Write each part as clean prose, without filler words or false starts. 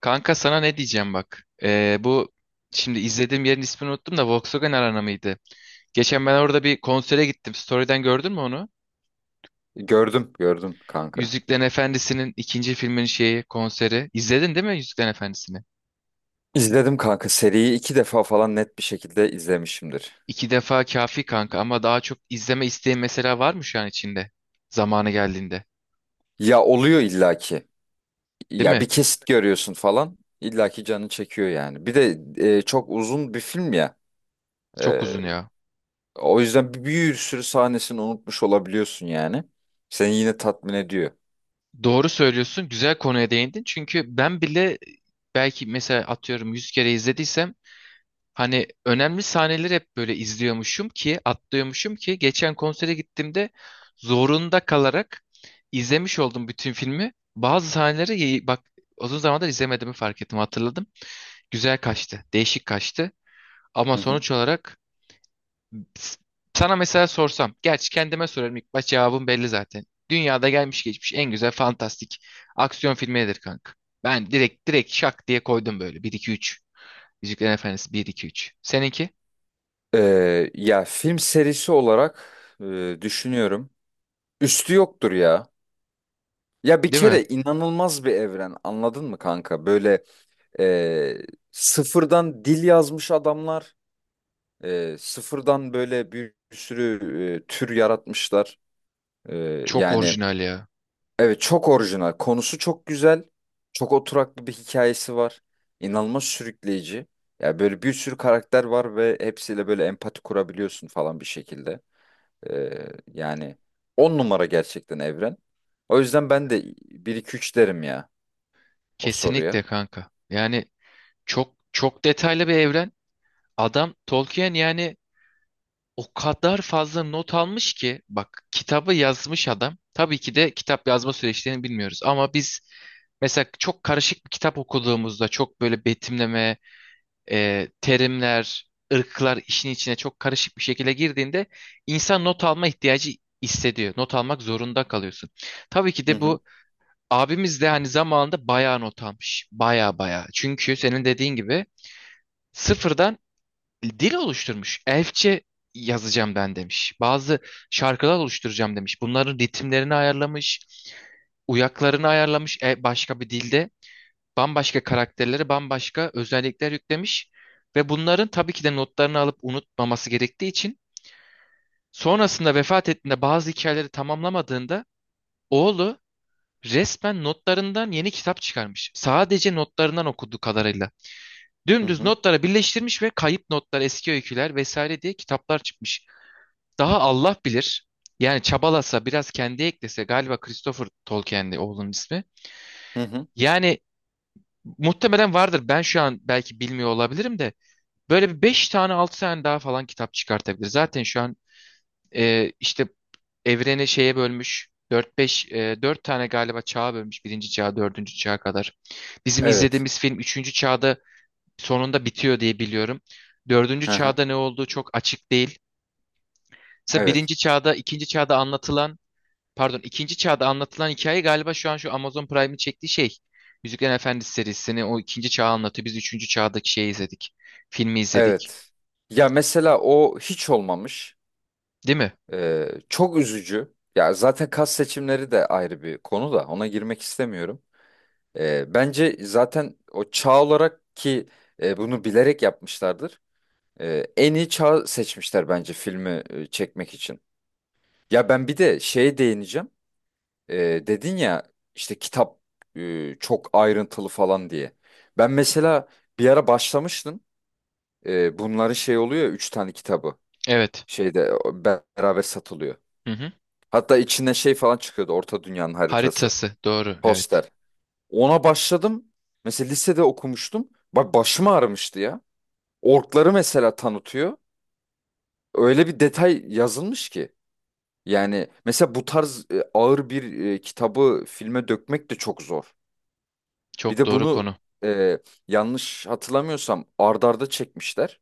Kanka sana ne diyeceğim bak. Bu şimdi izlediğim yerin ismini unuttum da Volkswagen Arena mıydı? Geçen ben orada bir konsere gittim. Story'den gördün mü onu? Gördüm, gördüm kanka. Yüzüklerin Efendisi'nin ikinci filmin şeyi konseri. İzledin değil mi Yüzüklerin Efendisi'ni? İzledim kanka. Seriyi iki defa falan net bir şekilde izlemişimdir. 2 defa kafi kanka ama daha çok izleme isteği mesela varmış yani içinde. Zamanı geldiğinde. Ya oluyor illaki. Değil Ya bir mi? kesit görüyorsun falan. İllaki canı çekiyor yani. Bir de çok uzun bir film ya. Çok E, uzun ya. O yüzden bir sürü sahnesini unutmuş olabiliyorsun yani. Seni yine tatmin ediyor. Doğru söylüyorsun. Güzel konuya değindin. Çünkü ben bile belki mesela atıyorum 100 kere izlediysem, hani önemli sahneleri hep böyle izliyormuşum ki, atlıyormuşum ki geçen konsere gittiğimde zorunda kalarak izlemiş oldum bütün filmi. Bazı sahneleri bak, uzun zamandır izlemediğimi fark ettim, hatırladım. Güzel kaçtı, değişik kaçtı. Ama Hı hı. sonuç olarak s- sana mesela sorsam, gerçi kendime sorarım ilk baş cevabım belli zaten. Dünyada gelmiş geçmiş en güzel fantastik aksiyon filmi nedir kanka? Ben direkt şak diye koydum böyle bir 2 3. Yüzüklerin Efendisi bir 2 3. Seninki? Ya film serisi olarak düşünüyorum. Üstü yoktur ya. Ya bir Değil mi? kere inanılmaz bir evren anladın mı kanka? Böyle, E, sıfırdan dil yazmış adamlar. Sıfırdan böyle bir sürü tür yaratmışlar. E, Çok Yani orijinal ya. evet, çok orijinal. Konusu çok güzel. Çok oturaklı bir hikayesi var. İnanılmaz sürükleyici. Yani böyle bir sürü karakter var ve hepsiyle böyle empati kurabiliyorsun falan bir şekilde. E, Yani on numara gerçekten evren. O yüzden ben de bir 2 3 derim ya o soruya. Kesinlikle kanka. Yani çok çok detaylı bir evren. Adam Tolkien yani o kadar fazla not almış ki bak, kitabı yazmış adam. Tabii ki de kitap yazma süreçlerini bilmiyoruz ama biz mesela çok karışık bir kitap okuduğumuzda, çok böyle betimleme, terimler, ırklar işin içine çok karışık bir şekilde girdiğinde insan not alma ihtiyacı hissediyor. Not almak zorunda kalıyorsun. Tabii ki Hı de hı bu abimiz de hani zamanında bayağı not almış. Bayağı bayağı. Çünkü senin dediğin gibi sıfırdan dil oluşturmuş. Elfçe yazacağım ben demiş. Bazı şarkılar oluşturacağım demiş. Bunların ritimlerini ayarlamış. Uyaklarını ayarlamış, başka bir dilde. Bambaşka karakterlere bambaşka özellikler yüklemiş. Ve bunların tabii ki de notlarını alıp unutmaması gerektiği için sonrasında vefat ettiğinde bazı hikayeleri tamamlamadığında oğlu resmen notlarından yeni kitap çıkarmış. Sadece notlarından okuduğu kadarıyla. hı Dümdüz hı notlara birleştirmiş ve kayıp notlar, eski öyküler vesaire diye kitaplar çıkmış. Daha Allah bilir. Yani çabalasa, biraz kendi eklese galiba Christopher Tolkien'di oğlunun ismi. hı. Hı. Yani muhtemelen vardır. Ben şu an belki bilmiyor olabilirim de böyle bir 5 tane 6 tane daha falan kitap çıkartabilir. Zaten şu an işte evreni şeye bölmüş. 4-5, 4 tane galiba çağa bölmüş. Birinci çağ, dördüncü çağa kadar. Bizim Evet. izlediğimiz film üçüncü çağda sonunda bitiyor diye biliyorum. Dördüncü Hı hı. çağda ne olduğu çok açık değil. Mesela Evet. birinci çağda, ikinci çağda anlatılan, pardon ikinci çağda anlatılan hikaye galiba şu an şu Amazon Prime'in çektiği şey. Yüzüklerin Efendisi serisini, o ikinci çağı anlatıyor. Biz üçüncü çağdaki şeyi izledik. Filmi izledik. Evet. Ya mesela o hiç olmamış. Değil mi? Çok üzücü. Ya zaten kas seçimleri de ayrı bir konu, da ona girmek istemiyorum. Bence zaten o çağ olarak ki bunu bilerek yapmışlardır. En iyi çağ seçmişler bence filmi çekmek için. Ya ben bir de şeye değineceğim. Dedin ya işte kitap çok ayrıntılı falan diye. Ben mesela bir ara başlamıştım. Bunların şey oluyor ya, üç tane kitabı. Evet. Şeyde o beraber satılıyor. Hı hı. Hatta içinden şey falan çıkıyordu. Orta Dünya'nın haritası. Haritası. Doğru. Evet. Poster. Ona başladım. Mesela lisede okumuştum. Bak başım ağrımıştı ya. Orkları mesela tanıtıyor. Öyle bir detay yazılmış ki. Yani mesela bu tarz ağır bir kitabı filme dökmek de çok zor. Bir Çok de doğru bunu konu. e, yanlış hatırlamıyorsam ard arda çekmişlerdi.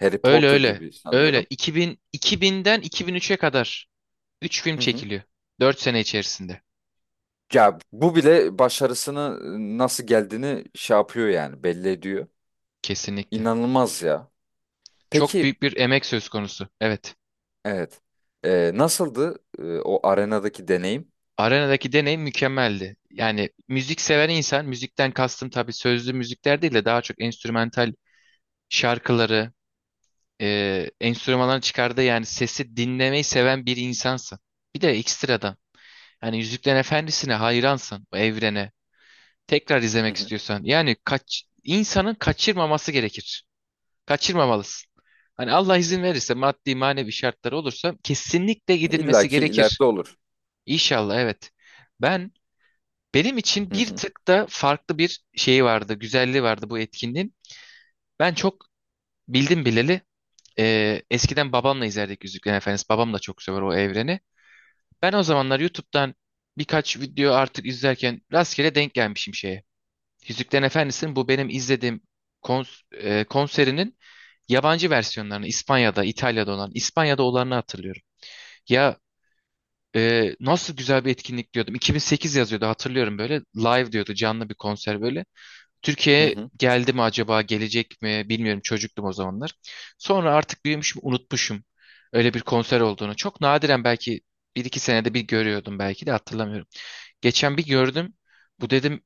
Harry Öyle Potter öyle. gibi Öyle. sanıyorum. 2000'den 2003'e kadar 3 film Hı hı. çekiliyor. 4 sene içerisinde. Ya bu bile başarısını nasıl geldiğini şey yapıyor yani, belli ediyor. Kesinlikle. İnanılmaz ya. Çok Peki, büyük bir emek söz konusu. Evet. evet. Nasıldı o arenadaki deneyim? Arenadaki deneyim mükemmeldi. Yani müzik seven insan, müzikten kastım tabii sözlü müzikler değil de daha çok enstrümantal şarkıları, enstrümanların çıkardığı yani sesi dinlemeyi seven bir insansın. Bir de ekstradan. Yani Yüzüklerin Efendisi'ne hayransın, o evrene. Tekrar Hı izlemek hı. istiyorsan. Yani kaç, insanın kaçırmaması gerekir. Kaçırmamalısın. Hani Allah izin verirse maddi manevi şartları olursa kesinlikle İlla gidilmesi ki gerekir. ileride olur. İnşallah evet. Ben Benim için Hı bir hı. tık da farklı bir şeyi vardı, güzelliği vardı bu etkinliğin. Ben çok bildim bileli eskiden babamla izlerdik Yüzüklerin Efendisi. Babam da çok sever o evreni. Ben o zamanlar YouTube'dan birkaç video artık izlerken rastgele denk gelmişim şeye. Yüzüklerin Efendisi'nin, bu benim izlediğim konserinin yabancı versiyonlarını, İspanya'da, İtalya'da olan, İspanya'da olanını hatırlıyorum. Ya, nasıl güzel bir etkinlik diyordum. 2008 yazıyordu, hatırlıyorum böyle. Live diyordu, canlı bir konser böyle. Hı Türkiye'ye hı. geldi mi acaba, gelecek mi bilmiyorum, çocuktum o zamanlar. Sonra artık büyümüşüm, unutmuşum öyle bir konser olduğunu. Çok nadiren belki bir iki senede bir görüyordum, belki de hatırlamıyorum. Geçen bir gördüm. Bu dedim,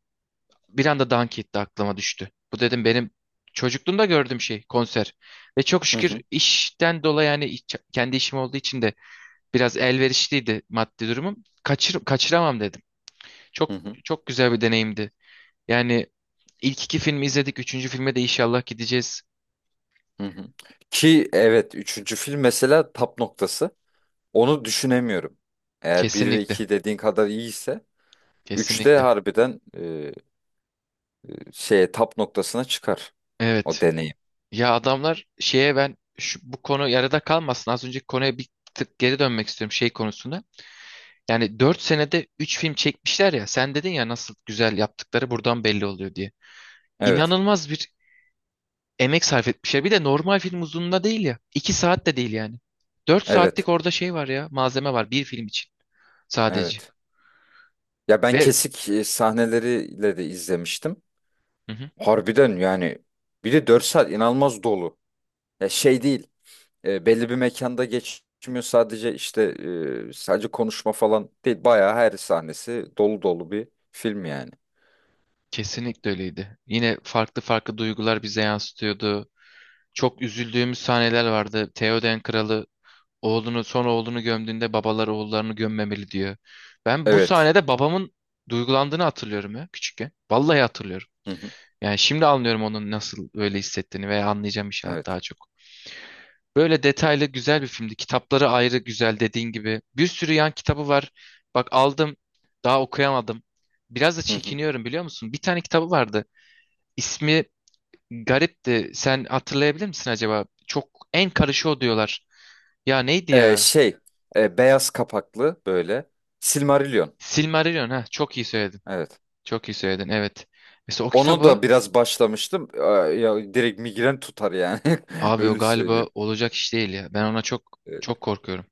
bir anda Dunk etti, aklıma düştü. Bu dedim benim çocukluğumda gördüğüm şey konser. Ve çok Hı şükür hı. işten dolayı yani kendi işim olduğu için de biraz elverişliydi maddi durumum. Kaçıramam dedim. Hı Çok hı. çok güzel bir deneyimdi. Yani ilk 2 filmi izledik. Üçüncü filme de inşallah gideceğiz. Hı hı. Ki evet, üçüncü film mesela tap noktası. Onu düşünemiyorum. Eğer bir ve Kesinlikle. 2 dediğin kadar iyiyse üçte Kesinlikle. harbiden şeye, tap noktasına çıkar o Evet. deneyim. Ya adamlar şeye, ben bu konu yarıda kalmasın. Az önceki konuya bir tık geri dönmek istiyorum şey konusunda. Yani 4 senede 3 film çekmişler ya. Sen dedin ya nasıl güzel yaptıkları buradan belli oluyor diye. Evet. İnanılmaz bir emek sarf etmişler. Bir de normal film uzunluğunda değil ya. 2 saat de değil yani. 4 saatlik Evet. orada şey var ya. Malzeme var bir film için sadece. Evet. Ya ben Ve kesik sahneleriyle de izlemiştim. hı hı, Harbiden yani, bir de 4 saat inanılmaz dolu. Ya şey değil, belli bir mekanda geçmiyor sadece; işte sadece konuşma falan değil. Bayağı her sahnesi dolu dolu bir film yani. kesinlikle öyleydi. Yine farklı farklı duygular bize yansıtıyordu. Çok üzüldüğümüz sahneler vardı. Theoden Kralı son oğlunu gömdüğünde babalar oğullarını gömmemeli diyor. Ben bu Evet. sahnede babamın duygulandığını hatırlıyorum ya, küçükken. Vallahi hatırlıyorum. Hı hı, Yani şimdi anlıyorum onun nasıl öyle hissettiğini, veya anlayacağım inşallah evet. daha çok. Böyle detaylı güzel bir filmdi. Kitapları ayrı güzel dediğin gibi. Bir sürü yan kitabı var. Bak aldım, daha okuyamadım. Biraz da Hı hı. çekiniyorum, biliyor musun? Bir tane kitabı vardı. İsmi garipti. Sen hatırlayabilir misin acaba? Çok en karışı o diyorlar. Ya neydi ya? Şey, beyaz kapaklı böyle, Silmarillion. Silmarillion, ha çok iyi söyledin. Evet. Çok iyi söyledin, evet. Mesela o Onu da kitabı, biraz başlamıştım. Aa, ya direkt migren tutar yani. abi o Öyle galiba söyleyeyim. olacak iş değil ya. Ben ona çok çok korkuyorum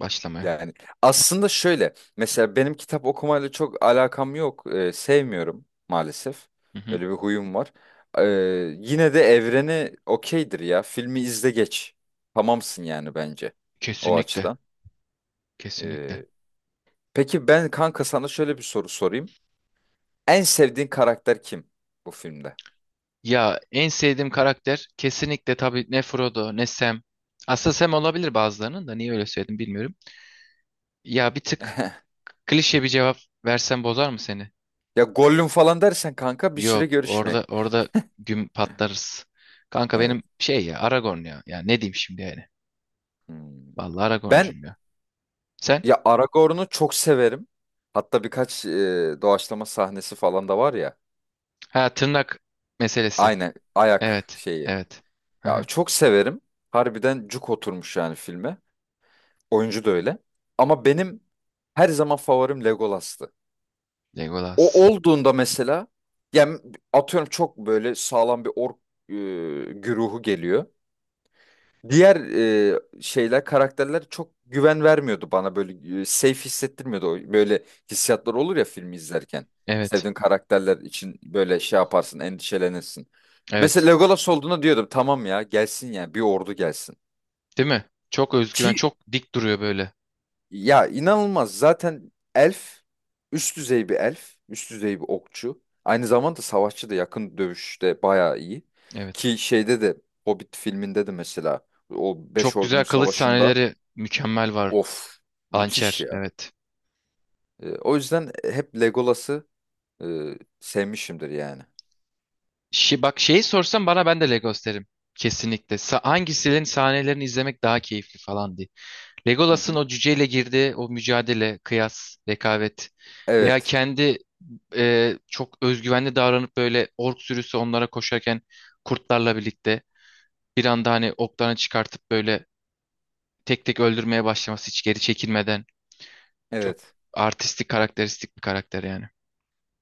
başlamaya. Yani aslında şöyle, mesela benim kitap okumayla çok alakam yok. Sevmiyorum maalesef. Hı hı. Öyle bir huyum var. Ee, Yine de evreni okeydir ya. Filmi izle geç. Tamamsın yani bence o Kesinlikle. açıdan. Kesinlikle. Ee, peki ben, kanka, sana şöyle bir soru sorayım. En sevdiğin karakter kim bu filmde? Ya en sevdiğim karakter kesinlikle tabii ne Frodo ne Sam. Aslında Sam olabilir, bazılarının da niye öyle söyledim bilmiyorum. Ya bir tık klişe bir cevap versem bozar mı seni? Ya Gollum falan dersen kanka bir süre Yok, görüşmeyin. orada güm patlarız. Kanka Evet. benim şey ya, Aragorn ya. Ya ne diyeyim şimdi yani. Hmm. Vallahi Ben Aragorn'cuyum ya. Sen? Ya Aragorn'u çok severim. Hatta birkaç doğaçlama sahnesi falan da var ya. Ha, tırnak meselesi. Aynen, ayak Evet. şeyi. Evet. Hı Ya hı. çok severim. Harbiden cuk oturmuş yani filme. Oyuncu da öyle. Ama benim her zaman favorim Legolas'tı. O Legolas. olduğunda mesela, yani atıyorum, çok böyle sağlam bir ork e, güruhu geliyor. Diğer şeyler, karakterler çok güven vermiyordu bana, böyle safe hissettirmiyordu. O böyle hissiyatlar olur ya filmi izlerken. Evet. Sevdiğin karakterler için böyle şey yaparsın, endişelenirsin. Mesela Evet. Legolas olduğuna diyordum, tamam ya, gelsin yani, bir ordu gelsin. Değil mi? Çok özgüven, Ki çok dik duruyor böyle. ya, inanılmaz zaten elf, üst düzey bir elf, üst düzey bir okçu. Aynı zamanda savaşçı da, yakın dövüşte bayağı iyi. Evet. Ki şeyde de, Hobbit filminde de mesela, o Beş Çok Ordunun güzel kılıç Savaşı'nda, sahneleri mükemmel var. of müthiş Hançer. ya. Evet. O yüzden hep Legolas'ı e, sevmişimdir yani. Bak şeyi sorsam bana ben de Legos derim. Kesinlikle. Hangisinin sahnelerini izlemek daha keyifli falan diye. Hı Legolas'ın hı. o cüceyle girdiği o mücadele, kıyas, rekabet, veya Evet. kendi çok özgüvenli davranıp böyle ork sürüsü onlara koşarken, kurtlarla birlikte bir anda hani oklarını çıkartıp böyle tek tek öldürmeye başlaması, hiç geri çekilmeden, çok Evet. artistik, karakteristik bir karakter yani.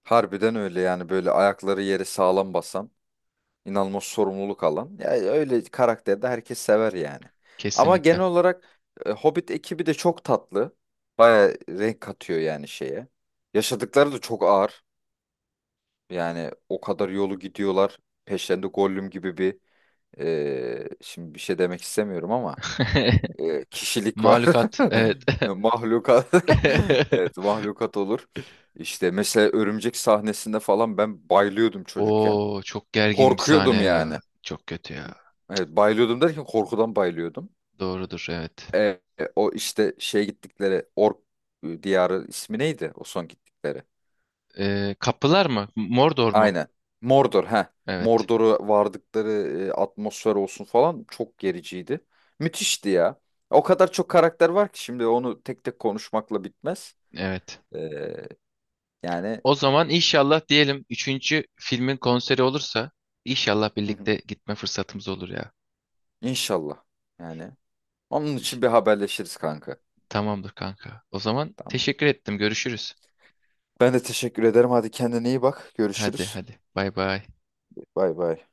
Harbiden öyle yani, böyle ayakları yere sağlam basan, inanılmaz sorumluluk alan. Ya öyle karakterde herkes sever yani. Ama Kesinlikle. genel olarak Hobbit ekibi de çok tatlı. Baya renk katıyor yani şeye. Yaşadıkları da çok ağır. Yani o kadar yolu gidiyorlar. Peşlerinde Gollum gibi bir şimdi bir şey demek istemiyorum ama kişilik var. Mahlukat, evet. Mahlukat. Evet, mahlukat olur. İşte mesela örümcek sahnesinde falan ben bayılıyordum çocukken. Oo, çok gergin bir sahne Korkuyordum ya. yani. Çok kötü ya. Evet, bayılıyordum derken korkudan bayılıyordum. Doğrudur, evet. E, o işte şey, gittikleri ork diyarı, ismi neydi o son gittikleri? Kapılar mı? Mordor mu? Aynen. Mordor, ha. Evet. Mordor'u vardıkları atmosfer olsun falan çok gericiydi. Müthişti ya. O kadar çok karakter var ki şimdi onu tek tek konuşmakla bitmez. Evet. E, Yani, O zaman inşallah diyelim, üçüncü filmin konseri olursa inşallah hı hı. birlikte gitme fırsatımız olur ya. inşallah. Yani onun için İş- bir haberleşiriz kanka. Tamamdır kanka. O zaman Tamam. teşekkür ettim. Görüşürüz. Ben de teşekkür ederim. Hadi kendine iyi bak. Hadi Görüşürüz. hadi. Bay bay. Bay bay.